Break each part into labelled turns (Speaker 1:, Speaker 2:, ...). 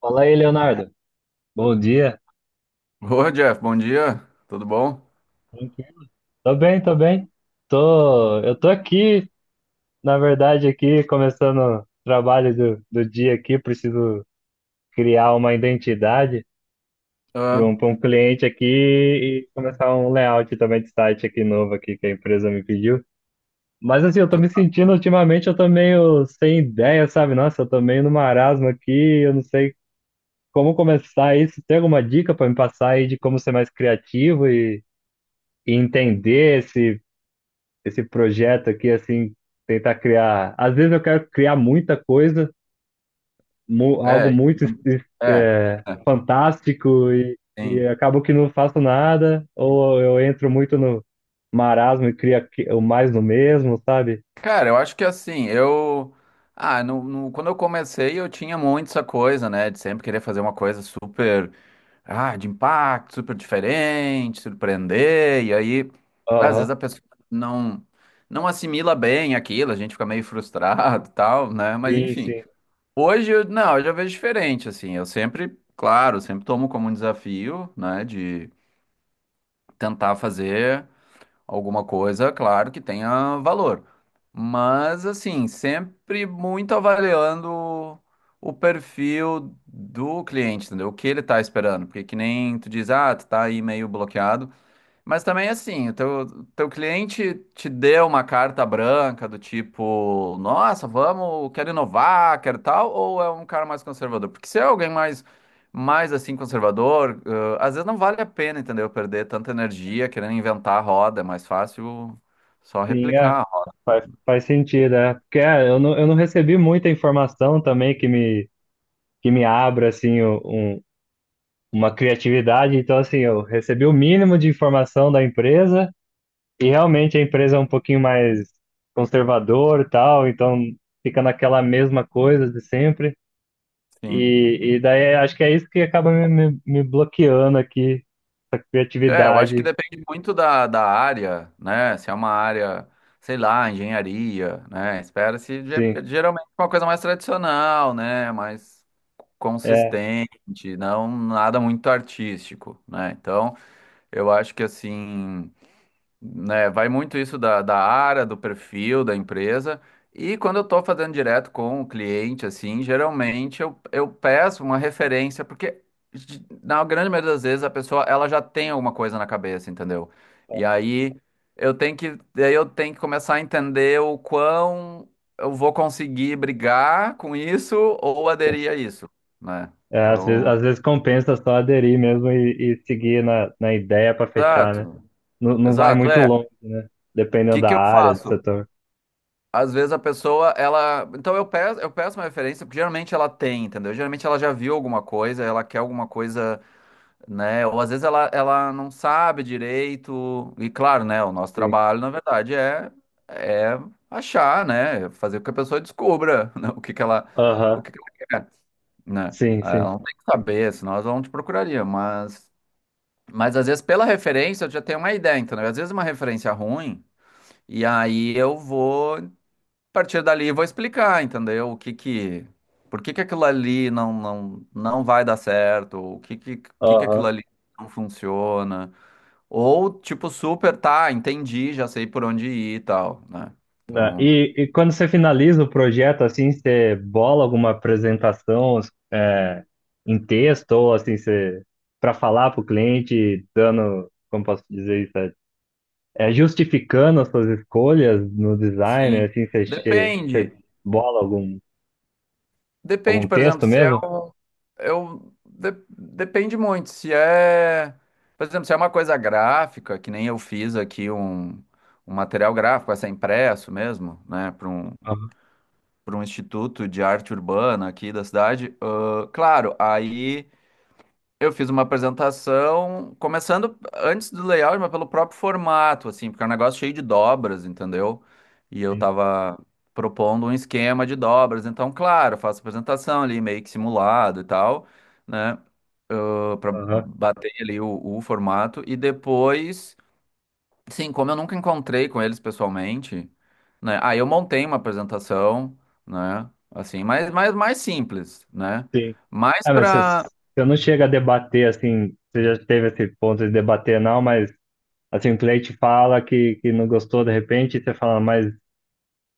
Speaker 1: Fala aí, Leonardo. Bom dia.
Speaker 2: Ô, Jeff, bom dia, tudo bom?
Speaker 1: Bom dia. Tô bem. Eu tô aqui, na verdade, aqui, começando o trabalho do dia aqui. Preciso criar uma identidade para
Speaker 2: Ah,
Speaker 1: um, para um cliente aqui e começar um layout também de site aqui novo aqui que a empresa me pediu. Mas assim, eu tô me
Speaker 2: tá.
Speaker 1: sentindo ultimamente, eu tô meio sem ideia, sabe? Nossa, eu tô meio no marasmo aqui, eu não sei como começar isso. Tem alguma dica para me passar aí de como ser mais criativo e entender esse projeto aqui, assim, tentar criar. Às vezes eu quero criar muita coisa, algo
Speaker 2: É,
Speaker 1: muito
Speaker 2: é,
Speaker 1: é,
Speaker 2: é,
Speaker 1: fantástico e
Speaker 2: sim.
Speaker 1: acabo que não faço nada, ou eu entro muito no marasmo e o mais no mesmo, sabe?
Speaker 2: Cara, eu acho que assim, eu. Ah, quando eu comecei, eu tinha muito essa coisa, né, de sempre querer fazer uma coisa super. Ah, de impacto, super diferente, surpreender, e aí, às
Speaker 1: Aham.
Speaker 2: vezes a pessoa não, não assimila bem aquilo, a gente fica meio frustrado e tal, né, mas
Speaker 1: Sim,
Speaker 2: enfim.
Speaker 1: sim,
Speaker 2: Hoje, não, eu já vejo diferente, assim, eu sempre, claro, sempre tomo como um desafio, né, de tentar fazer alguma coisa, claro, que tenha valor. Mas, assim, sempre muito avaliando o perfil do cliente, entendeu? O que ele tá esperando. Porque que nem tu diz, ah, tu tá aí meio bloqueado. Mas também assim, teu cliente te deu uma carta branca do tipo, nossa, vamos, quero inovar, quero tal, ou é um cara mais conservador? Porque se é alguém mais, mais assim, conservador, às vezes não vale a pena, entendeu? Perder tanta energia querendo inventar a roda, é mais fácil só
Speaker 1: sim, é.
Speaker 2: replicar.
Speaker 1: Faz sentido, é. Porque é, eu não recebi muita informação também que me abra, assim, uma criatividade. Então, assim, eu recebi o mínimo de informação da empresa. E realmente a empresa é um pouquinho mais conservador e tal, então fica naquela mesma coisa de sempre.
Speaker 2: Sim.
Speaker 1: E daí acho que é isso que acaba me bloqueando aqui, a
Speaker 2: É, eu acho que
Speaker 1: criatividade.
Speaker 2: depende muito da área, né? Se é uma área, sei lá, engenharia, né? Espera-se
Speaker 1: Sim,
Speaker 2: geralmente uma coisa mais tradicional, né? Mais
Speaker 1: é,
Speaker 2: consistente, não nada muito artístico, né? Então, eu acho que assim, né, vai muito isso da área, do perfil da empresa. E quando eu estou fazendo direto com o cliente, assim, geralmente eu peço uma referência, porque na grande maioria das vezes a pessoa ela já tem alguma coisa na cabeça, entendeu? E aí eu tenho que, daí eu tenho que começar a entender o quão eu vou conseguir brigar com isso ou aderir a isso, né?
Speaker 1: é,
Speaker 2: Então,
Speaker 1: às vezes compensa só aderir mesmo e seguir na ideia para fechar, né?
Speaker 2: exato,
Speaker 1: Não, não vai
Speaker 2: exato.
Speaker 1: muito
Speaker 2: É,
Speaker 1: longe,
Speaker 2: o
Speaker 1: né? Dependendo
Speaker 2: que
Speaker 1: da
Speaker 2: que eu
Speaker 1: área, do
Speaker 2: faço?
Speaker 1: setor.
Speaker 2: Às vezes a pessoa, ela. Então eu peço uma referência, porque geralmente ela tem, entendeu? Geralmente ela já viu alguma coisa, ela quer alguma coisa, né? Ou às vezes ela não sabe direito. E claro, né? O nosso
Speaker 1: Sim.
Speaker 2: trabalho, na verdade, é achar, né? Fazer com que a pessoa descubra, né, o
Speaker 1: Aham.
Speaker 2: que que ela quer, né?
Speaker 1: Sim,
Speaker 2: Ah, ela
Speaker 1: sim.
Speaker 2: não tem que saber, senão ela não te procuraria. Mas às vezes pela referência eu já tenho uma ideia, entendeu? Às vezes uma referência ruim. E aí eu vou a partir dali vou explicar, entendeu? Por que que aquilo ali não vai dar certo, que
Speaker 1: Aham.
Speaker 2: aquilo ali não funciona, ou tipo super, tá, entendi, já sei por onde ir e tal, né?
Speaker 1: Né?
Speaker 2: Então,
Speaker 1: E quando você finaliza o projeto, assim, você bola alguma apresentação é, em texto, ou assim, você para falar para o cliente, dando, como posso dizer isso, é, é, justificando as suas escolhas no design,
Speaker 2: sim,
Speaker 1: assim, você, você
Speaker 2: depende.
Speaker 1: bola algum,
Speaker 2: Depende,
Speaker 1: algum
Speaker 2: por exemplo,
Speaker 1: texto
Speaker 2: se é
Speaker 1: mesmo?
Speaker 2: um depende muito se é, por exemplo, se é uma coisa gráfica, que nem eu fiz aqui um material gráfico, vai ser impresso mesmo, né,
Speaker 1: Aham,
Speaker 2: para um instituto de arte urbana aqui da cidade. Ah, claro, aí eu fiz uma apresentação, começando antes do layout, mas pelo próprio formato, assim, porque é um negócio cheio de dobras, entendeu? E eu
Speaker 1: sim.
Speaker 2: tava propondo um esquema de dobras, então, claro, eu faço apresentação ali, meio que simulado e tal, né? Para
Speaker 1: Aham,
Speaker 2: bater ali o formato, e depois. Sim, como eu nunca encontrei com eles pessoalmente, né? Aí eu montei uma apresentação, né? Assim, mas mais simples, né?
Speaker 1: sim.
Speaker 2: Mais
Speaker 1: É, mas
Speaker 2: pra.
Speaker 1: você não chega a debater, assim, você já teve esse ponto de debater, não, mas assim, o cliente fala que não gostou de repente, e você fala, mas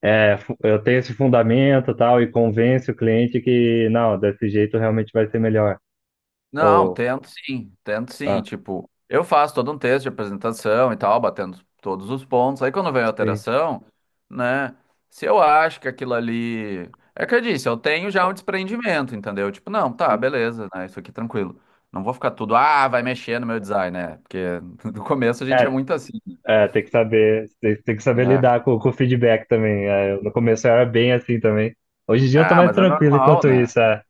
Speaker 1: é, eu tenho esse fundamento e tal, e convence o cliente que, não, desse jeito realmente vai ser melhor.
Speaker 2: Não,
Speaker 1: Ou,
Speaker 2: tento sim.
Speaker 1: ah,
Speaker 2: Tipo, eu faço todo um texto de apresentação e tal, batendo todos os pontos. Aí quando vem a
Speaker 1: sim,
Speaker 2: alteração, né? Se eu acho que aquilo ali. É que eu disse, eu tenho já um desprendimento, entendeu? Tipo, não, tá,
Speaker 1: sim.
Speaker 2: beleza, né? Isso aqui tranquilo. Não vou ficar tudo, ah, vai mexer no meu design, né? Porque no começo a gente é
Speaker 1: É,
Speaker 2: muito assim,
Speaker 1: é, tem que saber
Speaker 2: né?
Speaker 1: lidar com o feedback também. É, eu, no começo eu era bem assim também. Hoje em dia eu tô
Speaker 2: Ah,
Speaker 1: mais
Speaker 2: mas é
Speaker 1: tranquilo
Speaker 2: normal,
Speaker 1: enquanto
Speaker 2: né?
Speaker 1: isso, é.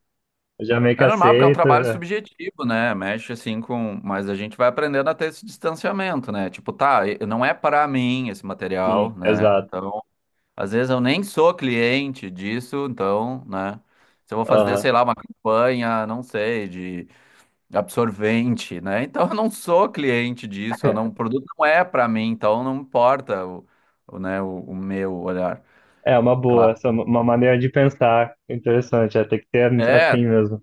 Speaker 1: Eu já meio que
Speaker 2: É normal, porque é um
Speaker 1: aceito.
Speaker 2: trabalho
Speaker 1: É.
Speaker 2: subjetivo, né? Mexe assim com. Mas a gente vai aprendendo a ter esse distanciamento, né? Tipo, tá, não é para mim esse material,
Speaker 1: Sim,
Speaker 2: né?
Speaker 1: exato.
Speaker 2: Então, às vezes eu nem sou cliente disso, então, né? Se eu vou fazer,
Speaker 1: Aham.
Speaker 2: sei lá, uma campanha, não sei, de absorvente, né? Então, eu não sou cliente disso, eu não, o produto não é para mim, então não importa né, o meu olhar.
Speaker 1: É uma
Speaker 2: Claro.
Speaker 1: boa, essa é uma maneira de pensar interessante, é, tem que ser
Speaker 2: É,
Speaker 1: assim mesmo.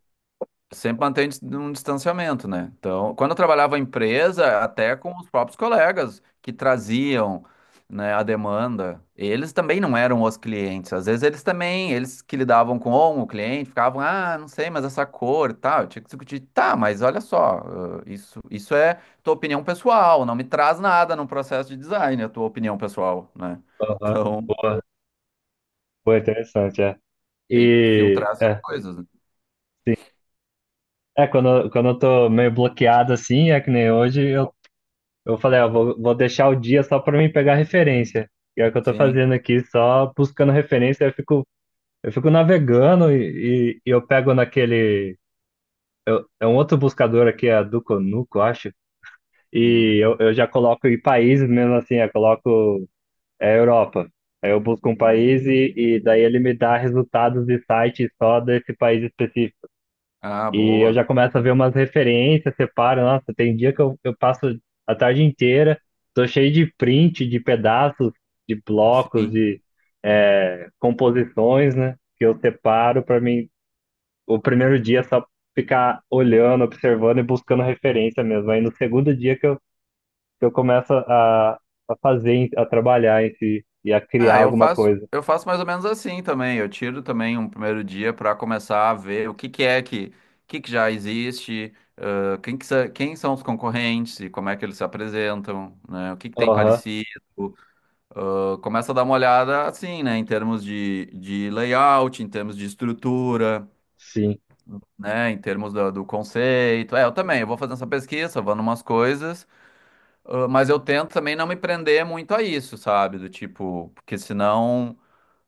Speaker 2: sempre mantém um distanciamento, né? Então, quando eu trabalhava em empresa, até com os próprios colegas que traziam, né, a demanda, eles também não eram os clientes. Às vezes eles também, eles que lidavam com o cliente, ficavam, ah, não sei, mas essa cor, e tal. Eu tinha que discutir, tá, mas olha só, ah, isso é tua opinião pessoal, não me traz nada num processo de design, a tua opinião pessoal, né?
Speaker 1: Aham.
Speaker 2: Então,
Speaker 1: Boa, boa, interessante, é.
Speaker 2: tem que
Speaker 1: E,
Speaker 2: filtrar essas
Speaker 1: é.
Speaker 2: coisas, né?
Speaker 1: É, quando eu tô meio bloqueado assim, é que nem hoje, eu falei, ó, vou, vou deixar o dia só pra mim pegar referência. E é o que eu tô
Speaker 2: Sim.
Speaker 1: fazendo aqui, só buscando referência, eu fico navegando e eu pego naquele. Eu- é um outro buscador aqui, é do Conuco, eu acho.
Speaker 2: Hum.
Speaker 1: Eu já coloco em países mesmo assim, eu coloco é, Europa. Aí eu busco um país e daí ele me dá resultados de sites só desse país específico.
Speaker 2: Ah,
Speaker 1: E eu
Speaker 2: boa.
Speaker 1: já começo a ver umas referências, separo, nossa, tem dia que eu passo a tarde inteira, tô cheio de print, de pedaços, de blocos,
Speaker 2: Sim.
Speaker 1: de é, composições, né? Que eu separo para mim, o primeiro dia é só ficar olhando, observando e buscando referência mesmo. Aí no segundo dia que eu começo a fazer, a trabalhar em si e a criar
Speaker 2: Ah,
Speaker 1: alguma coisa.
Speaker 2: eu faço mais ou menos assim também. Eu tiro também um primeiro dia para começar a ver o que que é que já existe, quem que quem são os concorrentes e como é que eles se apresentam, né? O que que tem
Speaker 1: Aham,
Speaker 2: parecido. Começa a dar uma olhada assim, né? Em termos de layout, em termos de estrutura,
Speaker 1: sim.
Speaker 2: né? Em termos do conceito. É, eu também, eu vou fazendo essa pesquisa, eu vou numas coisas, mas eu tento também não me prender muito a isso, sabe? Do tipo, porque senão.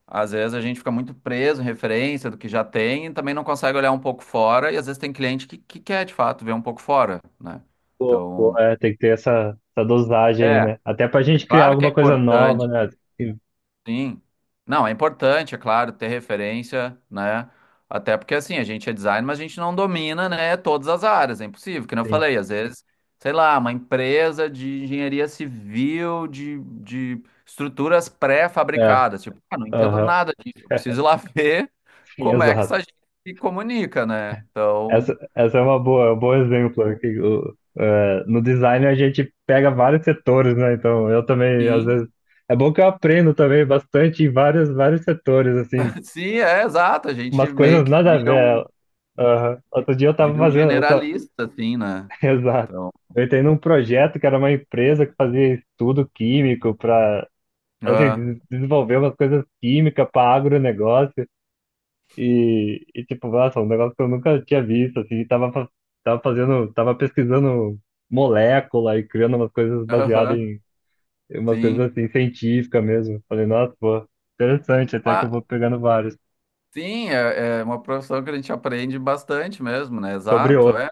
Speaker 2: Às vezes a gente fica muito preso em referência do que já tem e também não consegue olhar um pouco fora, e às vezes tem cliente que quer de fato ver um pouco fora, né?
Speaker 1: Pô, pô,
Speaker 2: Então,
Speaker 1: é, tem que ter essa, essa dosagem, aí,
Speaker 2: é,
Speaker 1: né? Até pra
Speaker 2: é
Speaker 1: gente criar
Speaker 2: claro que é
Speaker 1: alguma coisa nova,
Speaker 2: importante.
Speaker 1: né? Sim,
Speaker 2: Sim. Não, é importante, é claro, ter referência, né? Até porque assim, a gente é designer, mas a gente não domina, né, todas as áreas, é impossível, que nem eu
Speaker 1: sim.
Speaker 2: falei, às vezes, sei lá, uma empresa de engenharia civil, de estruturas
Speaker 1: É,
Speaker 2: pré-fabricadas, tipo, ah, não entendo
Speaker 1: aham,
Speaker 2: nada disso, eu preciso ir lá ver
Speaker 1: sim,
Speaker 2: como é que
Speaker 1: exato.
Speaker 2: essa gente se comunica, né? Então,
Speaker 1: Essa é uma boa, é um bom exemplo. É, no design a gente pega vários setores, né? Então eu também, às
Speaker 2: sim,
Speaker 1: vezes. É bom que eu aprendo também bastante em vários, vários setores, assim,
Speaker 2: sim, é exato, a gente
Speaker 1: umas
Speaker 2: meio
Speaker 1: coisas
Speaker 2: que
Speaker 1: nada a ver. Aham. Outro dia eu tava
Speaker 2: vira um
Speaker 1: fazendo. Eu tava...
Speaker 2: generalista, assim, né?
Speaker 1: Exato.
Speaker 2: Então,
Speaker 1: Eu entrei num projeto que era uma empresa que fazia estudo químico para assim,
Speaker 2: ah,
Speaker 1: desenvolver umas coisas químicas para agronegócio e tipo, nossa, um negócio que eu nunca tinha visto, assim, tava, tava fazendo, tava pesquisando molécula e criando umas coisas baseadas
Speaker 2: aham,
Speaker 1: em, em umas coisas
Speaker 2: sim.
Speaker 1: assim, científicas mesmo. Falei, nossa, pô, interessante, até que eu
Speaker 2: Ah,
Speaker 1: vou pegando vários,
Speaker 2: sim, é, é uma profissão que a gente aprende bastante mesmo, né?
Speaker 1: sobre
Speaker 2: Exato,
Speaker 1: outras,
Speaker 2: é.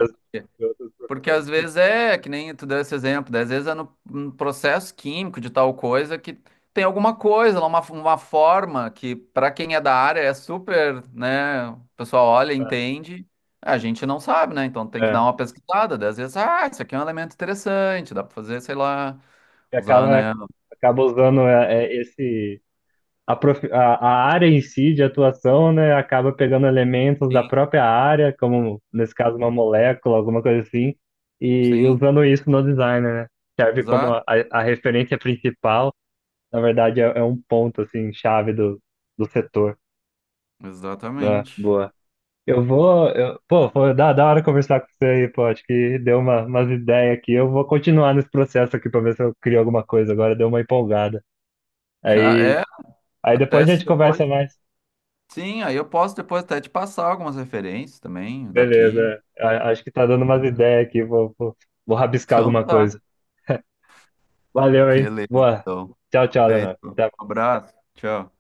Speaker 1: sobre outras
Speaker 2: Porque às
Speaker 1: profissões,
Speaker 2: vezes é, que nem tu deu esse exemplo, né? Às vezes é no processo químico de tal coisa que tem alguma coisa lá, uma forma que para quem é da área é super, né? O pessoal olha,
Speaker 1: tá?
Speaker 2: entende, a gente não sabe, né? Então tem que
Speaker 1: É,
Speaker 2: dar uma pesquisada. Né? Às vezes, ah, isso aqui é um elemento interessante, dá pra fazer, sei lá,
Speaker 1: e
Speaker 2: usar,
Speaker 1: acaba,
Speaker 2: né?
Speaker 1: acaba usando é, é, esse a área em si de atuação, né, acaba pegando elementos da
Speaker 2: Sim,
Speaker 1: própria área, como nesse caso uma molécula, alguma coisa assim, e
Speaker 2: sim,
Speaker 1: usando isso no design, né? Serve como
Speaker 2: exato,
Speaker 1: a referência principal, na verdade é, é um ponto assim chave do setor. Ah,
Speaker 2: exatamente.
Speaker 1: boa. Pô, foi da hora conversar com você aí, pô, acho que deu umas ideias aqui. Eu vou continuar nesse processo aqui para ver se eu crio alguma coisa agora, deu uma empolgada. Aí,
Speaker 2: É,
Speaker 1: aí
Speaker 2: até
Speaker 1: depois a
Speaker 2: se
Speaker 1: gente
Speaker 2: depois.
Speaker 1: conversa mais.
Speaker 2: Sim, aí eu posso depois até te passar algumas referências também daqui.
Speaker 1: Beleza. Acho que tá dando umas ideias aqui. Vou, vou, vou rabiscar
Speaker 2: Então
Speaker 1: alguma
Speaker 2: tá.
Speaker 1: coisa. Valeu, hein?
Speaker 2: Beleza,
Speaker 1: Boa.
Speaker 2: então.
Speaker 1: Tchau, tchau,
Speaker 2: Feito.
Speaker 1: Leonardo.
Speaker 2: Um
Speaker 1: Até.
Speaker 2: abraço. Tchau.